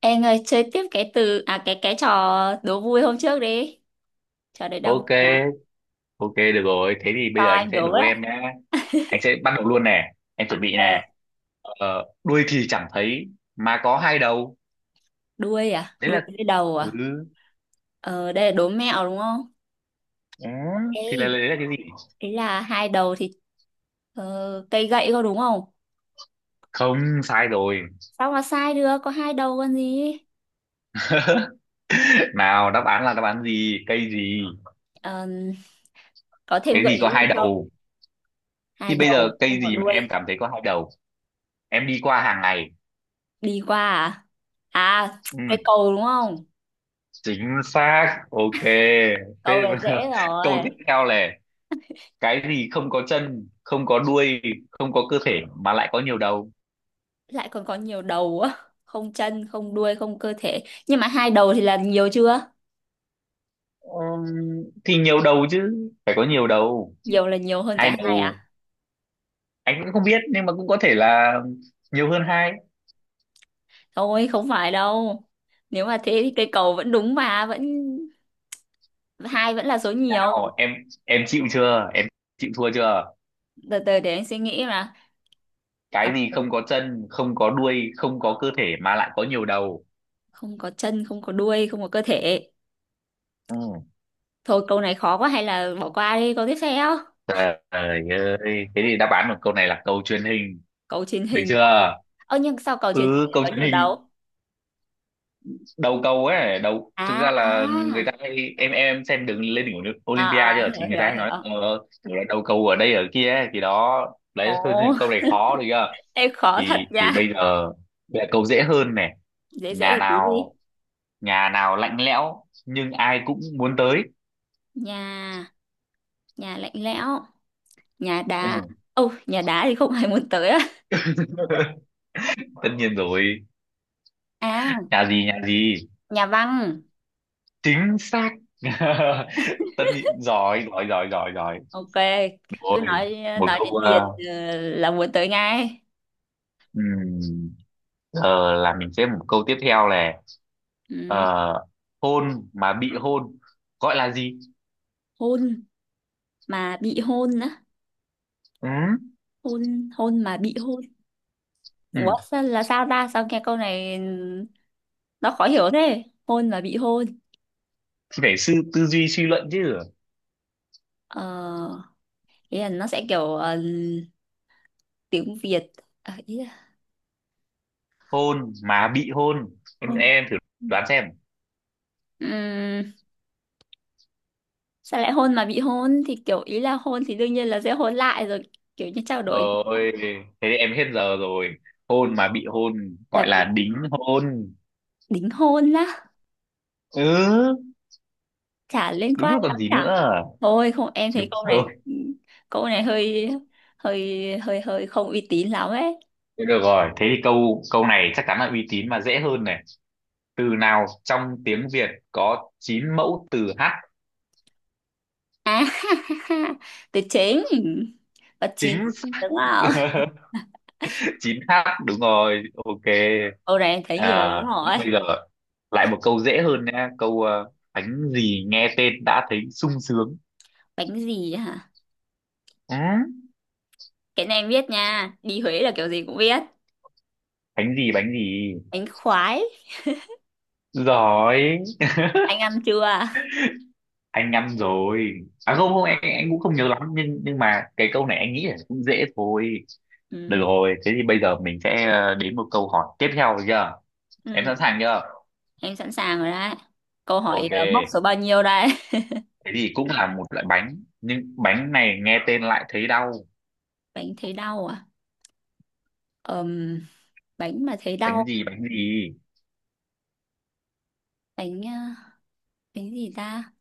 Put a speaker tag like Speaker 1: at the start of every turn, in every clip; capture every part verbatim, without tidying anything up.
Speaker 1: Em ơi, chơi tiếp cái từ à cái cái trò đố vui hôm trước đi. Trò đấy đang vui lắm.
Speaker 2: OK OK, được rồi, thế thì
Speaker 1: Cho
Speaker 2: bây giờ anh
Speaker 1: anh
Speaker 2: sẽ
Speaker 1: đố
Speaker 2: đố
Speaker 1: đấy.
Speaker 2: em nhá. Anh sẽ bắt đầu luôn nè, em chuẩn bị
Speaker 1: Ờ,
Speaker 2: nè. Ờ, đuôi thì chẳng thấy mà có hai đầu.
Speaker 1: Đuôi à?
Speaker 2: Đấy
Speaker 1: Đuôi
Speaker 2: là.
Speaker 1: với đầu
Speaker 2: Ừ,
Speaker 1: à? Ờ, đây là đố mẹo đúng không?
Speaker 2: ừ. Thì là
Speaker 1: Ê,
Speaker 2: đấy là cái gì?
Speaker 1: Ý là hai đầu thì ờ, cây gậy có đúng không?
Speaker 2: Không, sai rồi.
Speaker 1: Sao mà sai được, có hai đầu còn gì?
Speaker 2: Nào, đáp án là đáp án gì? Cây gì?
Speaker 1: Ờ, có thêm
Speaker 2: Cái
Speaker 1: gợi
Speaker 2: gì
Speaker 1: ý
Speaker 2: có
Speaker 1: gì
Speaker 2: hai
Speaker 1: không?
Speaker 2: đầu? Thì
Speaker 1: Hai
Speaker 2: bây giờ
Speaker 1: đầu
Speaker 2: cây
Speaker 1: không có
Speaker 2: gì mà em
Speaker 1: đuôi.
Speaker 2: cảm thấy có hai đầu, em đi qua hàng ngày?
Speaker 1: Đi qua à? À, cái
Speaker 2: Ừ,
Speaker 1: cầu đúng không?
Speaker 2: chính xác, OK. Thế.
Speaker 1: Cầu là dễ
Speaker 2: Câu
Speaker 1: rồi.
Speaker 2: tiếp theo này. Cái gì không có chân, không có đuôi, không có cơ thể mà lại có nhiều đầu?
Speaker 1: Lại còn có nhiều đầu á, không chân không đuôi không cơ thể, nhưng mà hai đầu thì là nhiều chưa?
Speaker 2: Ừm, thì nhiều đầu chứ phải có nhiều đầu.
Speaker 1: Nhiều là nhiều hơn
Speaker 2: Hai
Speaker 1: cả hai
Speaker 2: đầu.
Speaker 1: à?
Speaker 2: Anh cũng không biết nhưng mà cũng có thể là nhiều hơn hai.
Speaker 1: Thôi không phải đâu, nếu mà thế thì cây cầu vẫn đúng mà, vẫn hai vẫn là số nhiều.
Speaker 2: Nào em em chịu chưa em? Chịu thua chưa?
Speaker 1: Từ từ để anh suy nghĩ mà. Ờ,
Speaker 2: Cái gì không có chân, không có đuôi, không có cơ thể mà lại có nhiều đầu?
Speaker 1: Không có chân không có đuôi không có cơ thể,
Speaker 2: Ừ.
Speaker 1: thôi câu này khó quá hay là bỏ qua đi câu tiếp theo.
Speaker 2: Trời ơi, thế thì đáp án của câu này là cầu truyền hình.
Speaker 1: Cầu truyền
Speaker 2: Được
Speaker 1: hình
Speaker 2: chưa?
Speaker 1: á. Ơ nhưng sao cầu truyền hình
Speaker 2: Ừ,
Speaker 1: lại
Speaker 2: câu
Speaker 1: có
Speaker 2: truyền
Speaker 1: nhiều
Speaker 2: hình,
Speaker 1: đầu?
Speaker 2: đầu cầu ấy, đầu
Speaker 1: À
Speaker 2: thực ra là người
Speaker 1: à
Speaker 2: ta hay em em xem đường lên đỉnh
Speaker 1: à,
Speaker 2: Olympia
Speaker 1: à,
Speaker 2: chưa
Speaker 1: hiểu
Speaker 2: thì người
Speaker 1: hiểu
Speaker 2: ta hay
Speaker 1: hiểu.
Speaker 2: nói ờ, kiểu là đầu cầu ở đây ở kia ấy, thì đó
Speaker 1: Ồ,
Speaker 2: đấy. Thôi thì câu này khó, được chưa?
Speaker 1: em khó thật
Speaker 2: thì thì bây
Speaker 1: nha.
Speaker 2: giờ bây giờ câu dễ hơn này.
Speaker 1: Dễ
Speaker 2: Nhà
Speaker 1: dễ tí đi.
Speaker 2: nào, nhà nào lạnh lẽo nhưng ai cũng muốn tới?
Speaker 1: Nhà Nhà lạnh lẽo, nhà đá.
Speaker 2: Ừ.
Speaker 1: Ô nhà đá thì không ai muốn tới á.
Speaker 2: Tất nhiên rồi.
Speaker 1: À,
Speaker 2: Nhà gì? Nhà gì?
Speaker 1: nhà văn.
Speaker 2: Chính xác. Tất nhiên, giỏi giỏi giỏi giỏi giỏi.
Speaker 1: Ok, cứ
Speaker 2: Rồi,
Speaker 1: nói.
Speaker 2: một
Speaker 1: Nói
Speaker 2: câu.
Speaker 1: đến tiền
Speaker 2: ờ,
Speaker 1: ờ, là muốn tới ngay.
Speaker 2: ừm, giờ là mình sẽ một câu tiếp theo này. Ờ,
Speaker 1: Ừ.
Speaker 2: hôn mà bị hôn gọi là gì?
Speaker 1: Hôn mà bị hôn á?
Speaker 2: Ừ,
Speaker 1: Hôn Hôn mà bị hôn.
Speaker 2: ừ.
Speaker 1: Ủa sao, là sao ta, sao nghe câu này ừ, nó khó hiểu thế? Hôn mà bị hôn.
Speaker 2: Thì phải sư tư duy suy luận chứ.
Speaker 1: Ờ, ý là nó sẽ kiểu ờ, tiếng Việt. Ờ, ý là
Speaker 2: Hôn mà bị hôn, em,
Speaker 1: hôn.
Speaker 2: em thử đoán xem.
Speaker 1: Ừm, Sao lại hôn mà bị hôn, thì kiểu ý là hôn thì đương nhiên là sẽ hôn lại rồi, kiểu như trao đổi.
Speaker 2: Ôi, thế thì em hết giờ rồi. Hôn mà bị hôn gọi
Speaker 1: Là
Speaker 2: là
Speaker 1: cái
Speaker 2: đính hôn.
Speaker 1: đính hôn á?
Speaker 2: Ừ,
Speaker 1: Chả liên
Speaker 2: đúng
Speaker 1: quan
Speaker 2: rồi, còn
Speaker 1: lắm
Speaker 2: gì nữa.
Speaker 1: cả. Thôi không, em thấy
Speaker 2: Đúng
Speaker 1: câu này,
Speaker 2: rồi.
Speaker 1: câu này hơi hơi hơi hơi không uy tín lắm ấy.
Speaker 2: Thế được rồi, thế thì câu câu này chắc chắn là uy tín mà dễ hơn này. Từ nào trong tiếng Việt có chín mẫu từ hát?
Speaker 1: À, từ chính và chín
Speaker 2: Chính xác.
Speaker 1: đúng không?
Speaker 2: 9 hát đúng rồi, OK.
Speaker 1: Câu này em thấy nhiều
Speaker 2: À,
Speaker 1: lắm
Speaker 2: thế
Speaker 1: rồi.
Speaker 2: bây giờ lại một câu dễ hơn nha, câu ờ, bánh gì nghe tên đã thấy sung sướng?
Speaker 1: Bánh gì hả?
Speaker 2: Ừ?
Speaker 1: Cái này em biết nha, đi Huế là kiểu gì cũng biết.
Speaker 2: Bánh gì? Bánh gì?
Speaker 1: Bánh khoái.
Speaker 2: Giỏi.
Speaker 1: Anh ăn chưa?
Speaker 2: Anh ăn rồi. À không không, anh, anh cũng không nhớ lắm nhưng nhưng mà cái câu này anh nghĩ là cũng dễ thôi. Được
Speaker 1: Ừ.
Speaker 2: rồi, thế thì bây giờ mình sẽ ờ, đến một câu hỏi tiếp theo, được chưa? Em
Speaker 1: Ừ.
Speaker 2: sẵn sàng chưa?
Speaker 1: Em sẵn sàng rồi đấy. Câu hỏi
Speaker 2: OK.
Speaker 1: ờ, móc số bao nhiêu đây?
Speaker 2: Thế thì cũng là một loại bánh nhưng bánh này nghe tên lại thấy đau.
Speaker 1: Bánh thấy đau à? Ờm, Bánh mà thấy
Speaker 2: Bánh
Speaker 1: đau.
Speaker 2: gì? Bánh gì?
Speaker 1: Bánh ờ, bánh gì ta?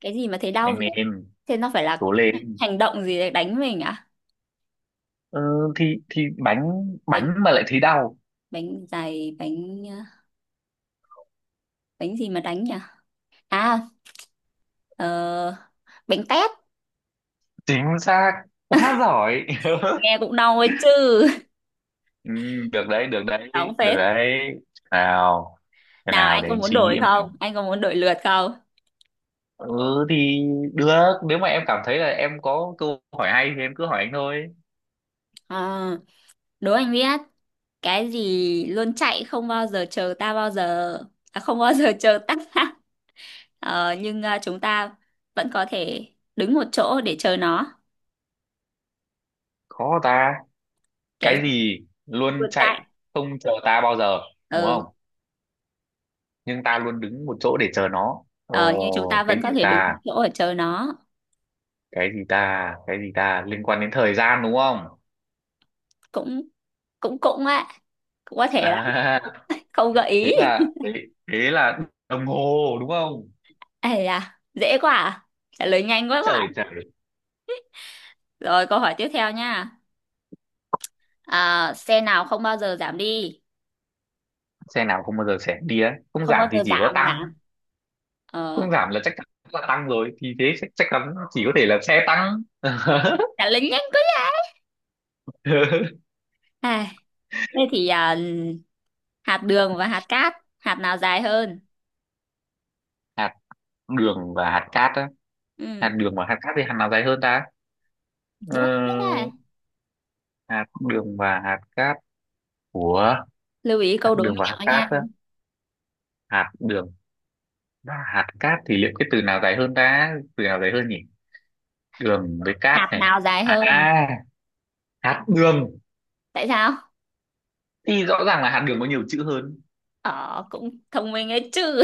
Speaker 1: Cái gì mà thấy đau
Speaker 2: Anh
Speaker 1: nhỉ?
Speaker 2: em,
Speaker 1: Thế nó phải là
Speaker 2: cố lên.
Speaker 1: hành động gì để đánh mình à?
Speaker 2: Ờ, thì thì bánh,
Speaker 1: Bánh
Speaker 2: bánh mà lại thấy đau.
Speaker 1: bánh dày, bánh ờ, bánh gì mà đánh nhỉ? À, ờ, bánh tét.
Speaker 2: Chính xác, quá giỏi.
Speaker 1: Nghe cũng đau ấy chứ.
Speaker 2: Ừ, được đấy, được đấy,
Speaker 1: Đau
Speaker 2: được
Speaker 1: phết.
Speaker 2: đấy. Nào, cái
Speaker 1: Nào
Speaker 2: nào
Speaker 1: anh
Speaker 2: để
Speaker 1: có
Speaker 2: anh
Speaker 1: muốn
Speaker 2: suy
Speaker 1: đổi
Speaker 2: nghĩ nào.
Speaker 1: không? Anh có muốn đổi lượt không?
Speaker 2: Ừ thì được, nếu mà em cảm thấy là em có câu hỏi hay thì em cứ hỏi anh thôi.
Speaker 1: À, đố anh biết. Cái gì luôn chạy không bao giờ chờ ta bao giờ. À, không bao giờ chờ ta. Ờ, nhưng ờ, chúng ta vẫn có thể đứng một chỗ để chờ nó.
Speaker 2: Khó ta. Cái
Speaker 1: cái
Speaker 2: gì luôn
Speaker 1: Vượt
Speaker 2: chạy
Speaker 1: chạy.
Speaker 2: không chờ ta bao giờ, đúng không?
Speaker 1: Ừ.
Speaker 2: Nhưng ta luôn đứng một chỗ để chờ nó,
Speaker 1: Ờ, nhưng chúng
Speaker 2: ồ,
Speaker 1: ta
Speaker 2: cái
Speaker 1: vẫn
Speaker 2: gì
Speaker 1: có thể đứng một
Speaker 2: ta,
Speaker 1: chỗ để chờ nó.
Speaker 2: cái gì ta, cái gì ta liên quan đến thời gian, đúng không?
Speaker 1: Cũng cũng cũng á, cũng có thể
Speaker 2: À,
Speaker 1: đấy. Không gợi
Speaker 2: thế
Speaker 1: ý.
Speaker 2: là thế, thế là đồng hồ, đúng không?
Speaker 1: Ây da, dễ quá à? Trả lời nhanh quá quá.
Speaker 2: Trời, trời.
Speaker 1: Rồi câu hỏi tiếp theo nha. À, xe nào không bao giờ giảm đi?
Speaker 2: Xe nào không bao giờ sẽ đi đấy, không
Speaker 1: Không bao
Speaker 2: giảm thì
Speaker 1: giờ
Speaker 2: chỉ có
Speaker 1: giảm giảm.
Speaker 2: tăng.
Speaker 1: Ờ,
Speaker 2: Không giảm là chắc chắn là tăng rồi, thì thế chắc, chắc chắn chỉ có thể là xe tăng.
Speaker 1: trả lời nhanh quá nhỉ. À, thế thì à, hạt đường và hạt cát, hạt nào dài hơn?
Speaker 2: Hạt đường và hạt cát á? Hạt
Speaker 1: Ừ.
Speaker 2: đường và hạt cát thì hạt nào dài hơn ta?
Speaker 1: Đúng rồi. À,
Speaker 2: Ờ, hạt đường và hạt cát của
Speaker 1: lưu ý
Speaker 2: hạt
Speaker 1: câu đố
Speaker 2: đường và hạt
Speaker 1: mẹo
Speaker 2: cát
Speaker 1: nha.
Speaker 2: á? Hạt đường và hạt cát thì liệu cái từ nào dài hơn ta, từ nào dài hơn nhỉ? Đường với cát
Speaker 1: Hạt
Speaker 2: này.
Speaker 1: nào dài hơn?
Speaker 2: À, hạt đường.
Speaker 1: Tại sao?
Speaker 2: Thì rõ ràng là hạt đường có nhiều chữ hơn.
Speaker 1: Ờ, cũng thông minh ấy chứ.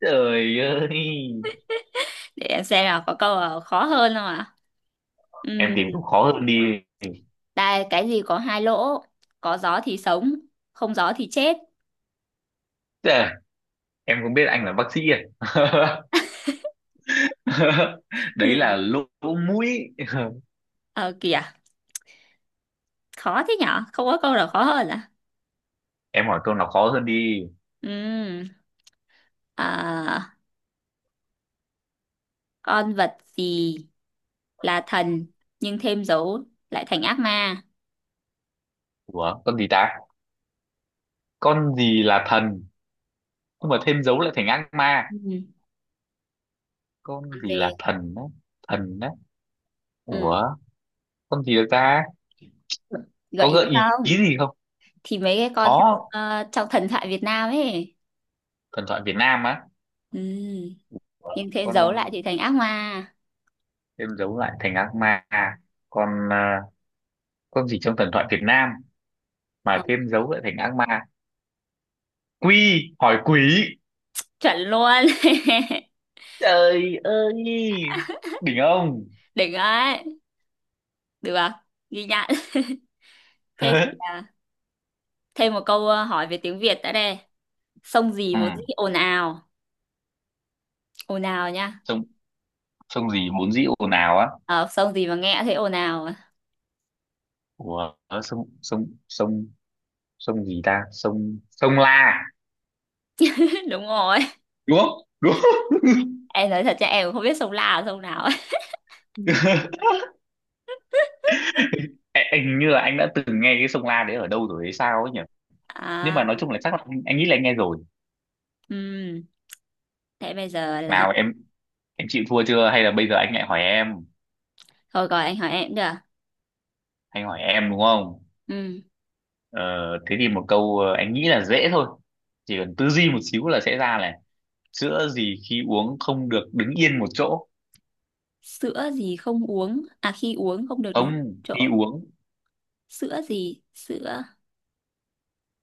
Speaker 2: Trời ơi.
Speaker 1: Để em xem nào có câu nào khó hơn không ạ?
Speaker 2: Em
Speaker 1: Ừm,
Speaker 2: tìm cũng khó hơn đi.
Speaker 1: Đây, cái gì có hai lỗ? Có gió thì sống, không gió thì chết.
Speaker 2: Trời, em không biết anh là bác sĩ à? Đấy là
Speaker 1: Ừ.
Speaker 2: lỗ mũi.
Speaker 1: Ờ kìa, khó thế nhở? Không có câu nào khó hơn à?
Speaker 2: Em hỏi câu nào khó hơn đi.
Speaker 1: Ừm, à, con vật gì là thần nhưng thêm dấu lại thành ác ma?
Speaker 2: Ủa, con gì ta? Con gì là thần nhưng mà thêm dấu lại thành ác ma?
Speaker 1: Ừm,
Speaker 2: Con
Speaker 1: con
Speaker 2: gì là
Speaker 1: gì?
Speaker 2: thần đấy? Thần đấy.
Speaker 1: Ừm,
Speaker 2: Ủa, con gì được ta?
Speaker 1: Gợi
Speaker 2: Có
Speaker 1: ý
Speaker 2: gợi ý
Speaker 1: không?
Speaker 2: gì không?
Speaker 1: Thì mấy cái con trong,
Speaker 2: Có,
Speaker 1: ờ, trong thần thoại Việt Nam ấy.
Speaker 2: thần thoại Việt Nam á?
Speaker 1: Ừm.
Speaker 2: Ủa,
Speaker 1: Nhưng thế
Speaker 2: con
Speaker 1: giấu lại thì thành ác ma.
Speaker 2: thêm dấu lại thành ác ma, con à, con gì trong thần thoại Việt Nam
Speaker 1: Ờ,
Speaker 2: mà thêm dấu lại thành ác ma? Quy hỏi quỷ.
Speaker 1: chuẩn luôn.
Speaker 2: Trời ơi, đỉnh ông.
Speaker 1: Đỉnh ấy. Được à? Ghi nhận. Thế thì à, thêm một câu ờ, hỏi về tiếng Việt đã đây. Sông gì
Speaker 2: Ừ,
Speaker 1: vốn dĩ ồn ào, ồn ào nhá.
Speaker 2: sông sông gì vốn dĩ ồn ào á?
Speaker 1: Ờ, sông gì mà nghe thấy ồn ào?
Speaker 2: Ủa, sông sông sông sông gì ta? Sông sông La,
Speaker 1: Đúng rồi.
Speaker 2: đúng không? Đúng không?
Speaker 1: Em nói thật cho em cũng không biết sông là sông nào ấy.
Speaker 2: Ê, anh hình như là anh đã từng nghe cái sông La đấy ở đâu rồi hay sao ấy nhỉ, nhưng mà
Speaker 1: À,
Speaker 2: nói chung là chắc là anh, anh nghĩ là anh nghe rồi.
Speaker 1: ừm, thế bây giờ là
Speaker 2: Nào em em chịu thua chưa hay là bây giờ anh lại hỏi em?
Speaker 1: thôi gọi anh hỏi em được.
Speaker 2: Anh hỏi em, đúng không?
Speaker 1: Ừm,
Speaker 2: Ờ, thế thì một câu, ờ, anh nghĩ là dễ thôi, chỉ cần tư duy một xíu là sẽ ra này. Sữa gì khi uống không được đứng yên một chỗ?
Speaker 1: sữa gì không uống à, khi uống không được đứng
Speaker 2: Ông, khi
Speaker 1: chỗ?
Speaker 2: uống.
Speaker 1: Sữa gì? Sữa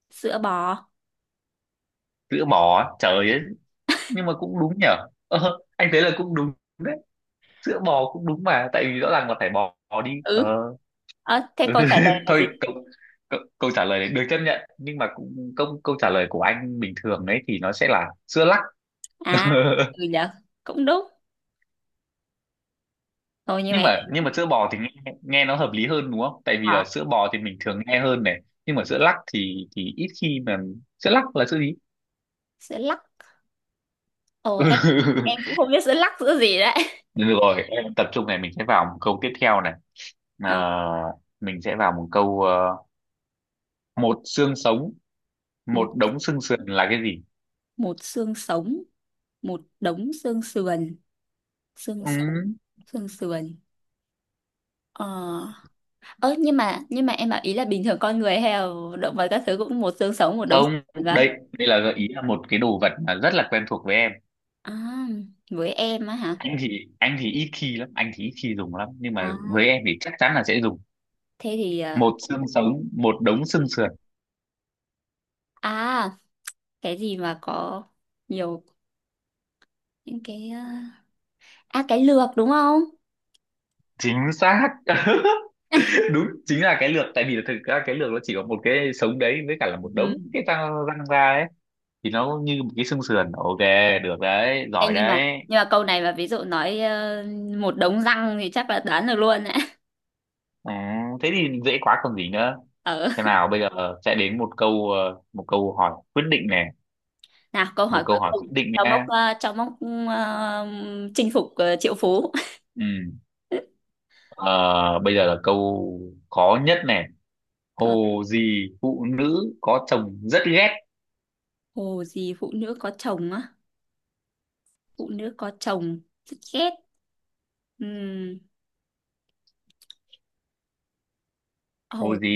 Speaker 1: Sữa bò.
Speaker 2: Sữa bò á, trời ấy. Nhưng mà cũng đúng nhở. Ờ, anh thấy là cũng đúng. Đấy, sữa bò cũng đúng mà tại vì rõ ràng là phải bò, bò đi ờ
Speaker 1: Ừ. Ờ, thế câu trả lời là gì?
Speaker 2: Thôi câu, câu, câu trả lời này được chấp nhận nhưng mà cũng câu câu trả lời của anh bình thường đấy thì nó sẽ là sữa lắc.
Speaker 1: À, ừ dạ, cũng đúng. Thôi như
Speaker 2: nhưng
Speaker 1: vậy
Speaker 2: mà nhưng
Speaker 1: thì
Speaker 2: mà sữa bò thì nghe, nghe nó hợp lý hơn đúng không, tại vì
Speaker 1: hả,
Speaker 2: là sữa bò thì mình thường nghe hơn này. Nhưng mà sữa lắc thì thì ít khi mà, sữa lắc là sữa gì?
Speaker 1: sẽ lắc. Ồ em em cũng không biết sẽ lắc giữa gì đấy.
Speaker 2: Ừ, được rồi, em tập trung này, mình sẽ vào một câu tiếp theo này. Ờ,
Speaker 1: Nào,
Speaker 2: mình sẽ vào một câu, ờ, một xương sống
Speaker 1: một
Speaker 2: một đống xương sườn là cái gì?
Speaker 1: một xương sống một đống xương sườn. Xương
Speaker 2: Ừ,
Speaker 1: sống, xương sườn. Ờ, ơ nhưng mà, nhưng mà em bảo ý là bình thường con người hay là động vật các thứ cũng một xương sống một đống xương
Speaker 2: không,
Speaker 1: sườn và.
Speaker 2: đây đây là gợi ý là một cái đồ vật mà rất là quen thuộc với em.
Speaker 1: À, với em á hả?
Speaker 2: Anh thì anh thì ít khi lắm, anh thì ít khi dùng lắm nhưng mà
Speaker 1: À,
Speaker 2: với em thì chắc chắn là sẽ dùng.
Speaker 1: thế thì ờ,
Speaker 2: Một xương sống một đống xương sườn.
Speaker 1: à, cái gì mà có nhiều những cái ờ, à, cái lược đúng không?
Speaker 2: Chính xác. Đúng, chính là cái lược tại vì thực ra cái lược nó chỉ có một cái sống đấy với cả là một đống cái răng răng ra ấy thì nó như một cái xương sườn, OK, được đấy,
Speaker 1: Ê,
Speaker 2: giỏi
Speaker 1: nhưng mà,
Speaker 2: đấy.
Speaker 1: nhưng mà câu này mà ví dụ nói ờ, một đống răng thì chắc là đoán được luôn đấy.
Speaker 2: Ừ, thế thì dễ quá, còn gì nữa.
Speaker 1: Ở,
Speaker 2: Thế nào bây giờ sẽ đến một câu, ờ, một câu hỏi quyết định này,
Speaker 1: nào câu
Speaker 2: một
Speaker 1: hỏi cuối
Speaker 2: câu hỏi quyết
Speaker 1: cùng
Speaker 2: định
Speaker 1: cho mốc,
Speaker 2: nha.
Speaker 1: ờ, cho mốc, ờ, chinh phục, ờ, triệu phú.
Speaker 2: Ừ. ờ, bây giờ là câu khó nhất này.
Speaker 1: Cờ-
Speaker 2: Hồ gì phụ nữ có chồng rất ghét?
Speaker 1: Hồ gì phụ nữ có chồng á? Phụ nữ có chồng rất ghét. Ừm,
Speaker 2: Hồ
Speaker 1: Hồ,
Speaker 2: gì?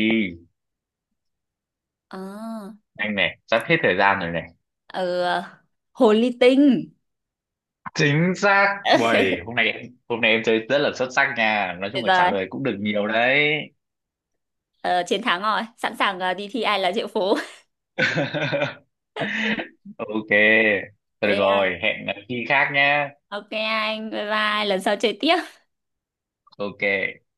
Speaker 1: ờ
Speaker 2: Anh này sắp hết thời gian rồi này.
Speaker 1: ờ, hồ ly tinh.
Speaker 2: Chính xác, uầy, hôm nay em hôm nay em chơi rất là xuất sắc nha, nói chung
Speaker 1: Tuyệt
Speaker 2: là trả
Speaker 1: vời.
Speaker 2: lời cũng được nhiều đấy.
Speaker 1: Ờ, chiến thắng rồi, sẵn sàng ờ, đi thi ai là triệu phú.
Speaker 2: OK, thôi được
Speaker 1: Thế à,
Speaker 2: rồi, hẹn khi khác nhá.
Speaker 1: ok anh, bye bye, lần sau chơi tiếp.
Speaker 2: OK.